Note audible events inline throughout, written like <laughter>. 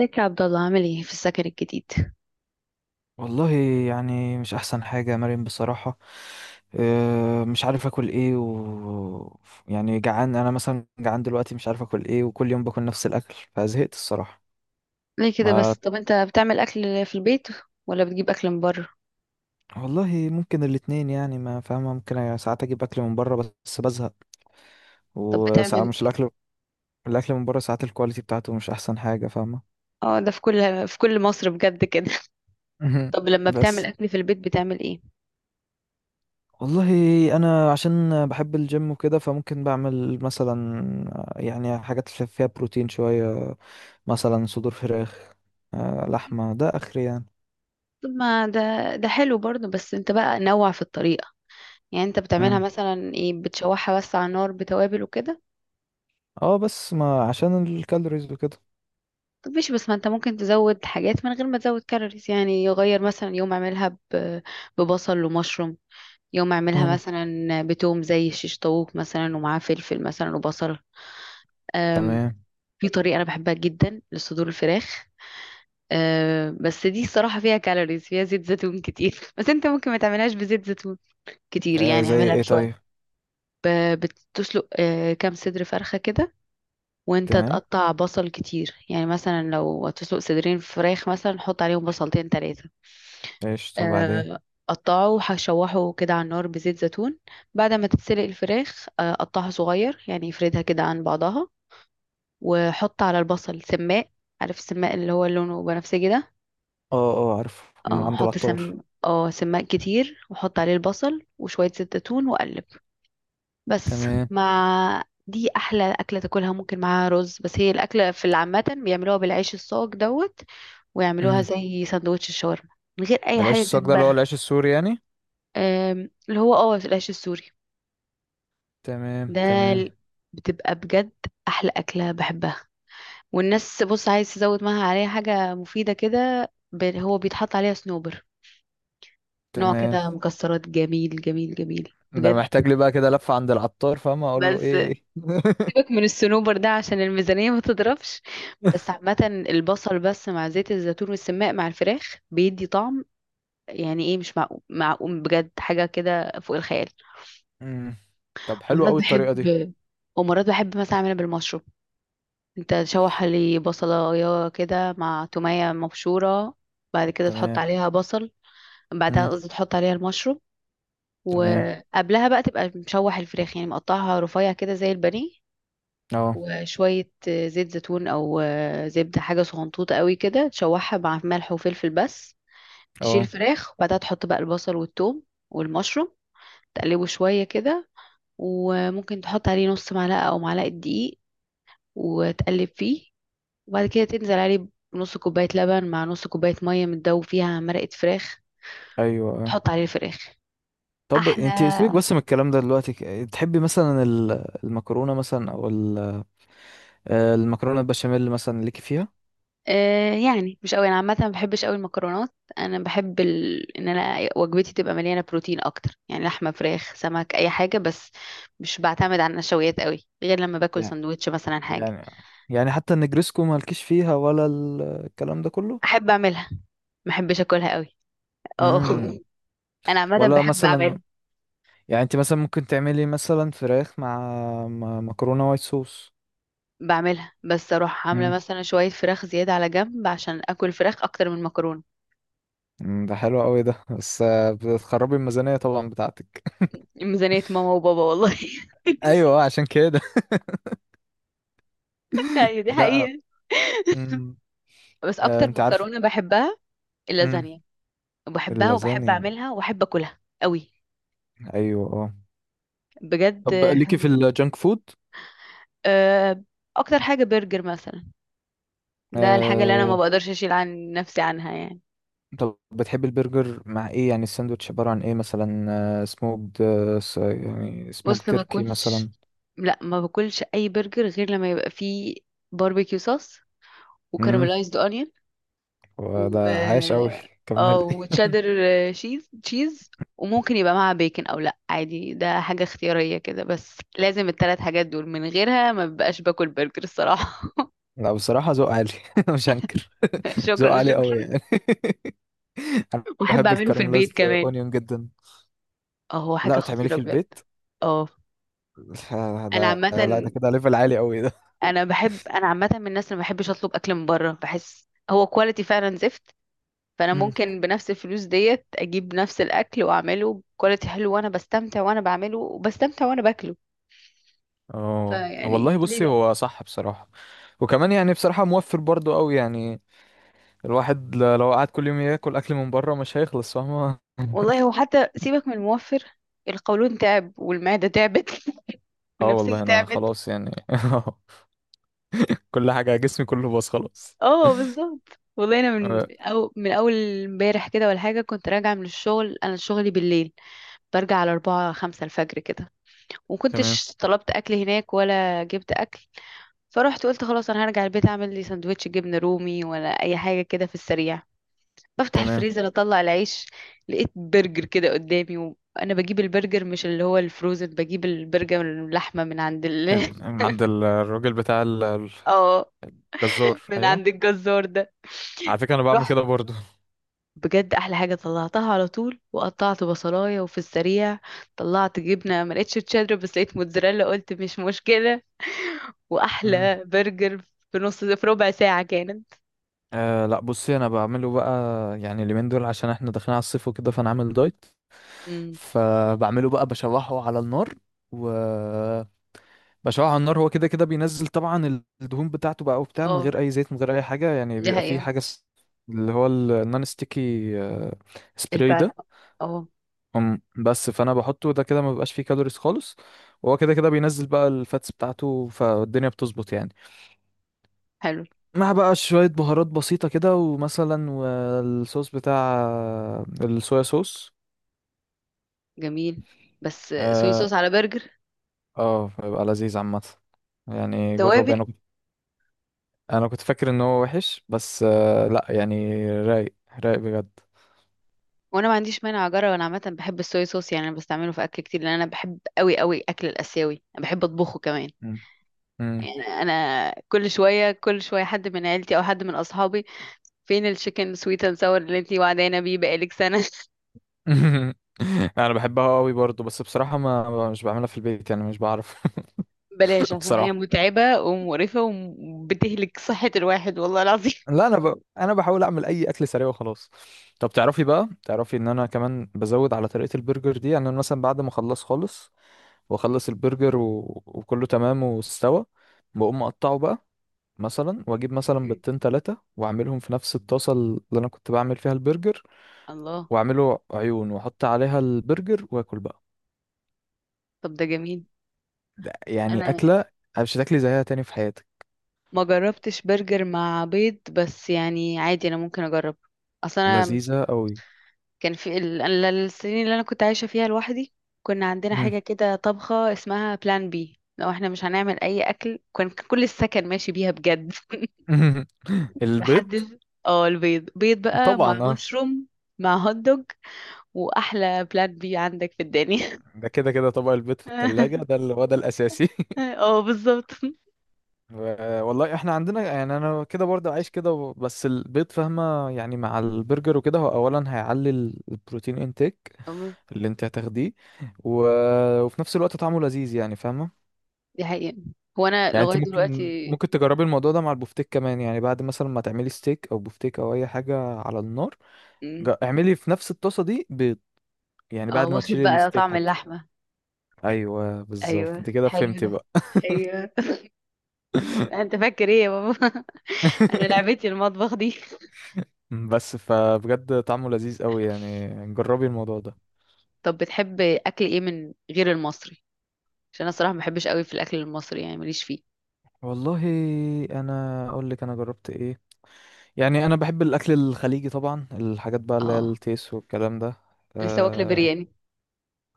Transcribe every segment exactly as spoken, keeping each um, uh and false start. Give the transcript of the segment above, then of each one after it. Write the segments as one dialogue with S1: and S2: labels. S1: ازيك يا عبد الله، عامل ايه في السكن الجديد؟
S2: والله، يعني مش احسن حاجة يا مريم بصراحة. آه، مش عارف اكل ايه و يعني جعان، انا مثلا جعان دلوقتي مش عارف اكل ايه وكل يوم باكل نفس الاكل فزهقت الصراحة.
S1: ليه كده
S2: ما
S1: بس؟ طب انت بتعمل اكل في البيت ولا بتجيب اكل من بره؟
S2: والله ممكن الاتنين، يعني ما فاهمة، ممكن ساعات اجيب اكل من بره بس بزهق.
S1: طب
S2: وساعات
S1: بتعمل
S2: مش
S1: ايه؟
S2: الاكل، الاكل من بره ساعات الكواليتي بتاعته مش احسن حاجة فاهمة.
S1: اه، ده في كل في كل مصر بجد كده. <laughs>
S2: <laughs>
S1: طب لما بتعمل
S2: بس
S1: اكل في البيت بتعمل ايه؟
S2: والله انا عشان بحب الجيم وكده فممكن بعمل مثلا يعني حاجات اللي فيها بروتين شوية، مثلا صدور فراخ، آه، لحمة ده اخري يعني.
S1: طب ما ده ده حلو برضه، بس انت بقى نوع في الطريقة. يعني انت بتعملها
S2: مم.
S1: مثلا ايه؟ بتشوحها بس على النار بتوابل وكده؟
S2: اه بس ما عشان الكالوريز وكده.
S1: طب ماشي، بس ما انت ممكن تزود حاجات من غير ما تزود كالوريز، يعني يغير، مثلا يوم اعملها ب- ببصل ومشروم، يوم اعملها
S2: مم.
S1: مثلا بتوم زي الشيش طاووق مثلا، ومعاه فلفل مثلا وبصل. أم،
S2: تمام.
S1: في طريقة أنا بحبها جدا لصدور الفراخ. أه، بس دي الصراحة فيها كالوريز، فيها زيت زيتون كتير. <laughs> بس انت ممكن ما تعملهاش بزيت زيتون كتير،
S2: آه
S1: يعني
S2: زي
S1: اعملها
S2: ايه طيب؟
S1: بشوية. ب- بتسلق، أه، كام صدر فرخة كده، وانت
S2: تمام.
S1: تقطع بصل كتير، يعني مثلا لو هتسلق صدرين فراخ مثلا، حط عليهم بصلتين تلاتة.
S2: ايش طب بعدين؟
S1: آه، قطعه، هشوحه كده على النار بزيت زيتون، بعد ما تتسلق الفراخ. آه، قطعها صغير، يعني افردها كده عن بعضها، وحط على البصل سماق. عارف السماق اللي هو لونه بنفسجي ده؟
S2: اه اه عارف من
S1: اه،
S2: عند
S1: حط سم
S2: العطار.
S1: اه سماق كتير، وحط عليه البصل وشوية زيت زيتون وقلب، بس.
S2: تمام.
S1: مع دي احلى اكله تاكلها. ممكن معاها رز، بس هي الاكله في العامه بيعملوها بالعيش الصاج دوت، ويعملوها
S2: مم.
S1: زي سندوتش الشاورما، من غير اي
S2: العيش
S1: حاجه
S2: الصاج ده اللي هو
S1: جنبها.
S2: العيش السوري يعني؟
S1: آم، اللي هو اه العيش السوري
S2: تمام
S1: ده.
S2: تمام
S1: ال- بتبقى بجد احلى اكله بحبها. والناس، بص، عايز تزود معاها عليها حاجه مفيده كده، ب- هو بيتحط عليها صنوبر، نوع
S2: تمام.
S1: كده مكسرات، جميل جميل جميل
S2: ده انا
S1: بجد.
S2: محتاج لي بقى كده لفة عند العطار فاهم اقول له
S1: بس
S2: ايه.
S1: سيبك
S2: <laughs>
S1: من الصنوبر ده عشان الميزانيه ما تضربش. بس عامه، البصل بس مع زيت الزيتون والسماق مع الفراخ بيدي طعم، يعني ايه، مش معقول معقول بجد، حاجه كده فوق الخيال.
S2: امم، طب حلو
S1: مرات
S2: قوي
S1: بحب،
S2: الطريقة دي.
S1: ومرات بحب مثلا اعملها بالمشروب. انت تشوح لي بصلايه كده مع توميه مبشوره، بعد كده تحط
S2: تمام.
S1: عليها بصل، بعدها
S2: امم.
S1: قصدي تحط عليها المشروم.
S2: تمام.
S1: وقبلها بقى تبقى مشوح الفراخ، يعني مقطعها رفيع كده زي البانيه،
S2: اه
S1: وشويه زيت زيتون او زبده، حاجه صغنطوطه قوي كده، تشوحها مع ملح وفلفل بس. تشيل
S2: اه.
S1: الفراخ وبعدها تحط بقى البصل والثوم والمشروم، تقلبه شويه كده، وممكن تحط عليه نص معلقه او معلقه دقيق، وتقلب فيه، وبعد كده تنزل عليه بنص كوباية لبن مع نص كوباية مية متدوب فيها مرقة فراخ،
S2: ايوه اه.
S1: تحط عليه الفراخ.
S2: طب
S1: احلى.
S2: انت سيبك بس من الكلام ده دلوقتي، ك- تحبي مثلا ال- المكرونة مثلا او ال- آه، المكرونة البشاميل مثلا ليكي فيها؟
S1: آه يعني مش قوي، انا عامه ما بحبش قوي المكرونات. انا بحب ال... ان انا وجبتي تبقى مليانه بروتين اكتر، يعني لحمه، فراخ، سمك، اي حاجه، بس. مش بعتمد على النشويات قوي غير لما باكل
S2: يعني
S1: سندوتش مثلا، حاجه.
S2: يعني يعني حتى النجريسكو مالكيش فيها ولا ال- الكلام ده كله؟
S1: احب اعملها، ما احبش اكلها قوي. اه.
S2: امم.
S1: <laughs> انا عامه
S2: ولا
S1: بحب
S2: مثلا،
S1: اعمل،
S2: يعني انت مثلا ممكن تعملي مثلا فراخ مع مع مكرونة وايت صوص؟
S1: بعملها بس اروح عامله
S2: امم.
S1: مثلا شويه فراخ زياده على جنب عشان اكل فراخ اكتر من مكرونه.
S2: ده حلو قوي ده، بس آه، بتخربي الميزانية طبعا بتاعتك.
S1: ميزانية ماما وبابا والله.
S2: ايوه آه، عشان كده.
S1: <laughs> ايوه، دي
S2: <laughs> لا.
S1: حقيقة.
S2: امم.
S1: بس
S2: آه
S1: اكتر
S2: انت عارف.
S1: مكرونة بحبها
S2: امم.
S1: اللازانيا. بحبها وبحب
S2: اللازاني،
S1: اعملها وبحب اكلها قوي
S2: ايوه اه.
S1: بجد.
S2: طب ليكي في الجانك فود؟
S1: آه، اكتر حاجة برجر مثلا. ده الحاجة اللي انا ما
S2: آه،
S1: بقدرش اشيل عن نفسي عنها، يعني.
S2: طب بتحب البرجر مع ايه، يعني الساندوتش عبارة عن ايه مثلا؟ آه سموكد، آه س- يعني سموك
S1: بص، ما
S2: تركي
S1: باكلش.
S2: مثلا.
S1: لا، ما باكلش اي برجر غير لما يبقى فيه باربيكيو صوص،
S2: امم،
S1: وكaramelized onion، و
S2: وده عايش قوي.
S1: اه
S2: كملي. <laughs>
S1: وتشيدر، شيز تشيز، وممكن يبقى معاها بيكن او لا، عادي، ده حاجة اختيارية كده، بس لازم الثلاث حاجات دول، من غيرها ما ببقاش باكل برجر الصراحة.
S2: لا بصراحة ذوق عالي، <laughs> مش هنكر،
S1: <laughs>
S2: <laughs> ذوق
S1: شكرا،
S2: عالي قوي
S1: شكرا.
S2: يعني. <laughs>
S1: واحب
S2: بحب
S1: اعمله في البيت
S2: الكارملايزد
S1: كمان.
S2: اونيون جدا.
S1: اه، هو
S2: لا
S1: حاجة
S2: بتعمليه
S1: خطيرة
S2: في
S1: بجد.
S2: البيت؟
S1: اه.
S2: <laughs>
S1: انا
S2: ده
S1: عامة
S2: لا ده كده ليفل عالي قوي ده.
S1: انا بحب انا عامة من الناس اللي ما بحبش اطلب اكل من بره، بحس هو كواليتي فعلا زفت.
S2: <laughs>
S1: فانا
S2: امم.
S1: ممكن بنفس الفلوس ديت اجيب نفس الاكل واعمله بكواليتي حلو، وانا بستمتع وانا بعمله، وبستمتع وانا باكله.
S2: اه
S1: فيعني
S2: والله
S1: ليه
S2: بصي
S1: لا.
S2: هو صح بصراحة. وكمان يعني بصراحة موفر برضو قوي يعني. الواحد ل- لو قعد كل يوم ياكل اكل من بره مش هيخلص فاهمة.
S1: والله،
S2: <laughs>
S1: هو حتى سيبك من الموفر، القولون تعب والمعدة تعبت. <laughs>
S2: اه
S1: والنفسية
S2: والله انا
S1: تعبت.
S2: خلاص يعني، <laughs> كل حاجة جسمي كله باظ خلاص.
S1: اه، بالظبط. والله انا من
S2: آه،
S1: أو من اول امبارح كده ولا حاجه، كنت راجعه من الشغل. انا شغلي بالليل، برجع على أربعة خمسة الفجر كده،
S2: تمام
S1: ومكنتش طلبت اكل هناك ولا جبت اكل. فرحت قلت خلاص انا هرجع البيت اعمل لي سندوتش جبنه رومي ولا اي حاجه كده في السريع. بفتح
S2: تمام.
S1: الفريزر، اطلع العيش، لقيت برجر كده قدامي. وانا بجيب البرجر، مش اللي هو الفروزن، بجيب البرجر اللحمه من عند ال <laughs>
S2: ال- عند ال- الراجل بتاع ال-
S1: اه،
S2: الجزار
S1: من
S2: ايوه.
S1: عند الجزار ده.
S2: على فكرة انا بعمل
S1: رحت،
S2: كده برضو.
S1: بجد احلى حاجه، طلعتها على طول وقطعت بصلايه، وفي السريع طلعت جبنه، ما لقيتش تشيدر بس لقيت موتزاريلا، قلت مش مشكله، واحلى برجر في نص، في ربع ساعه كانت.
S2: أه لا بصي انا بعمله بقى، يعني اليومين دول عشان احنا داخلين على الصيف وكده فانا عامل دايت.
S1: امم.
S2: فبعمله بقى بشوحه على النار و بشوحه على النار. هو كده كده بينزل طبعا الدهون بتاعته بقى وبتاع، من
S1: اه،
S2: غير اي زيت من غير اي حاجه يعني
S1: دي
S2: بيبقى فيه
S1: حقيقه.
S2: حاجه س- اللي هو ال- النون ستيكي، آه، سبراي
S1: البان.
S2: ده.
S1: اه.
S2: أم، بس فانا بحطه ده كده ما بيبقاش فيه كالوريز خالص. وهو كده كده بينزل بقى الفاتس بتاعته فالدنيا بتظبط يعني.
S1: حلو.
S2: مع بقى شوية بهارات بسيطة كده، ومثلا والصوص بتاع، الصويا صوص.
S1: جميل. بس صويا
S2: اه
S1: صوص على برجر؟
S2: آه، بيبقى لذيذ عامة يعني، جرب
S1: توابل.
S2: يعني. انا كنت فاكر ان هو وحش، بس آه لا يعني رايق، رايق بجد.
S1: وانا ما عنديش مانع اجرب، انا عامه بحب الصويا صوص، يعني انا بستعمله في اكل كتير، لان انا بحب قوي قوي اكل الاسيوي، انا بحب اطبخه كمان.
S2: مم. مم.
S1: يعني انا كل شويه كل شويه حد من عيلتي او حد من اصحابي: فين الشيكن سويت اند ساور اللي انتي وعدانا بيه بقالك سنه؟ <laughs>
S2: <laughs> انا بحبها قوي برضو، بس بصراحة ما مش بعملها في البيت يعني مش بعرف.
S1: بلاش،
S2: <laughs>
S1: عشان هي
S2: بصراحة
S1: متعبه ومقرفه، وبتهلك صحه الواحد والله العظيم.
S2: لا انا ب... انا بحاول اعمل اي اكل سريع وخلاص. طب تعرفي بقى تعرفي ان انا كمان بزود على طريقة البرجر دي، يعني أنا مثلا بعد ما اخلص خالص واخلص البرجر و... وكله تمام واستوى، بقوم اقطعه بقى مثلا، واجيب مثلا
S1: <laughs>
S2: بيضتين تلاتة واعملهم في نفس الطاسة اللي انا كنت بعمل فيها البرجر،
S1: الله.
S2: واعمله عيون واحط عليها البرجر واكل بقى.
S1: طب ده جميل.
S2: ده يعني
S1: انا
S2: اكلة مش هتاكلي زيها تاني في حياتك،
S1: ما جربتش برجر مع بيض، بس يعني عادي، انا ممكن اجرب اصلا.
S2: لذيذة قوي.
S1: كان في ال... ال- السنين اللي انا كنت عايشه فيها لوحدي، كنا عندنا
S2: مم.
S1: حاجه كده، طبخه اسمها بلان بي، لو احنا مش هنعمل اي اكل كان كل السكن ماشي بيها بجد. <laughs>
S2: <laughs> البيض،
S1: محدش. اه البيض بيض بقى
S2: طبعا
S1: مع
S2: اه.
S1: مشروم، مع هوت دوج، واحلى بلان بي عندك في الدنيا.
S2: ده كده كده طبق البيض في التلاجة ده
S1: <laughs>
S2: اللي هو ده الاساسي. <laughs>
S1: اه، بالظبط.
S2: و- والله احنا عندنا، يعني انا كده برضه عايش كده و- بس البيض فاهمه، يعني مع البرجر وكده هو اولا هيعلي ال- البروتين انتيك
S1: أم-
S2: اللي انت هتاخديه، و... وفي نفس الوقت طعمه لذيذ يعني فاهمه.
S1: دي حقيقة. هو انا
S2: يعني انت
S1: لغايه
S2: ممكن
S1: دلوقتي.
S2: ممكن تجربي الموضوع ده مع البفتيك كمان، يعني بعد مثلا ما تعملي ستيك او بفتيك او اي حاجه على النار،
S1: مم.
S2: جا- اعملي في نفس الطاسه دي بيض، يعني
S1: اه،
S2: بعد ما
S1: واخد
S2: تشيلي
S1: بقى
S2: الستيك
S1: طعم
S2: حتى.
S1: اللحمه.
S2: ايوه بالظبط
S1: ايوه،
S2: انت كده
S1: حلو
S2: فهمتي
S1: ده.
S2: بقى.
S1: ايوه. <laughs> انت فاكر ايه يا بابا؟ <laughs> انا
S2: <laughs>
S1: لعبتي المطبخ دي.
S2: بس فبجد طعمه لذيذ قوي يعني، جربي الموضوع ده.
S1: طب بتحب اكل ايه من غير المصري؟ عشان انا الصراحه ما بحبش قوي في الاكل المصري، يعني ماليش فيه.
S2: والله انا اقول لك انا جربت ايه. يعني انا بحب الاكل الخليجي طبعا، الحاجات بقى اللي هي
S1: اه،
S2: التيس والكلام ده.
S1: لسه واكله
S2: اه
S1: برياني.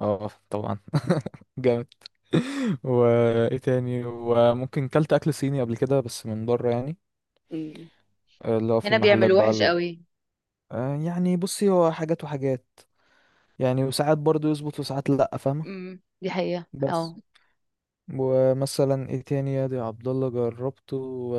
S2: آه، طبعا. <laughs> جامد. وايه تاني، وممكن كلت اكل صيني قبل كده بس من بره يعني،
S1: مم.
S2: آه، اللي هو في
S1: هنا
S2: المحلات
S1: بيعملوه
S2: بقى
S1: وحش
S2: ال...
S1: قوي.
S2: آه، يعني بصي هو حاجات وحاجات، يعني وساعات برضو يظبط وساعات لا فاهمه.
S1: امم، دي حقيقه. اه.
S2: بس ومثلا ايه تاني يا دي عبد الله جربته و...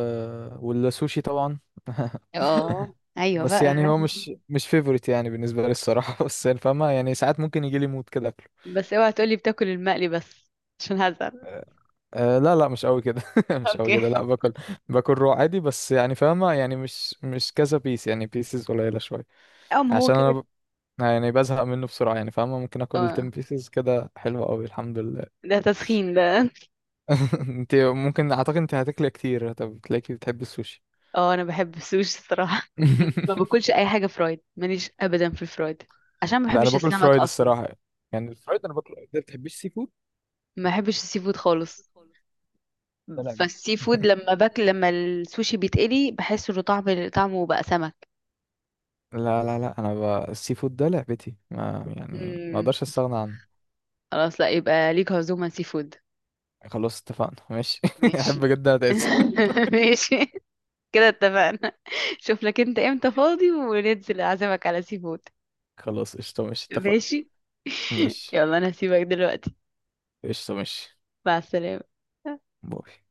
S2: والسوشي طبعا. <laughs>
S1: اه، ايوه
S2: بس يعني
S1: بقى.
S2: هو مش مش فيفورت يعني بالنسبة لي الصراحة، <laughs> بس يعني فاهمة يعني ساعات ممكن يجي لي مود كده أكله.
S1: بس اوعى تقولي بتاكل المقلي بس، عشان هزعل.
S2: أه لا لا مش قوي كده، <laughs> مش قوي
S1: اوكي.
S2: كده، لا باكل، باكل رو عادي، بس يعني فاهمة يعني مش مش كذا بيس، يعني بيسز قليلة شوية.
S1: اه، ما هو
S2: عشان أنا
S1: كده.
S2: ب... يعني بزهق منه بسرعة يعني فاهمة، ممكن آكل عشرة
S1: اه،
S2: بيسز كده حلوة قوي الحمد لله.
S1: ده تسخين ده.
S2: <laughs> انت ممكن أعتقد انت هتاكلي كتير، طب تلاقيكي بتحبي السوشي.
S1: اه، انا بحب السوشي الصراحه. ما
S2: <laughs>
S1: باكلش اي حاجه فرايد، ماليش ابدا في الفرايد، عشان ما
S2: لا أنا
S1: بحبش
S2: باكل
S1: السمك
S2: فرايد
S1: اصلا.
S2: الصراحة، يعني الفرايد أنا باكل. أنت بتحبيش سي فود؟
S1: ما بحبش السي فود خالص.
S2: ده لعبتي.
S1: فالسي فود لما باكل لما السوشي بيتقلي بحس انه طعم، طعمه بقى سمك.
S2: لا لا لا، انا ب... السي فود ده لعبتي، ما يعني ما
S1: امم،
S2: اقدرش استغنى عنه.
S1: خلاص. لا، يبقى ليك عزومة سي فود.
S2: خلاص اتفقنا ماشي، <laughs> احب
S1: ماشي.
S2: جدا اتعزم.
S1: <laughs> ماشي، كده اتفقنا. شوف لك انت امتى فاضي، وننزل اعزمك على سي فود.
S2: <laughs> خلاص قشطة ماشي اتفقنا.
S1: ماشي.
S2: ماشي.
S1: يلا، انا هسيبك دلوقتي.
S2: قشطة ماشي.
S1: مع السلامة.
S2: باي.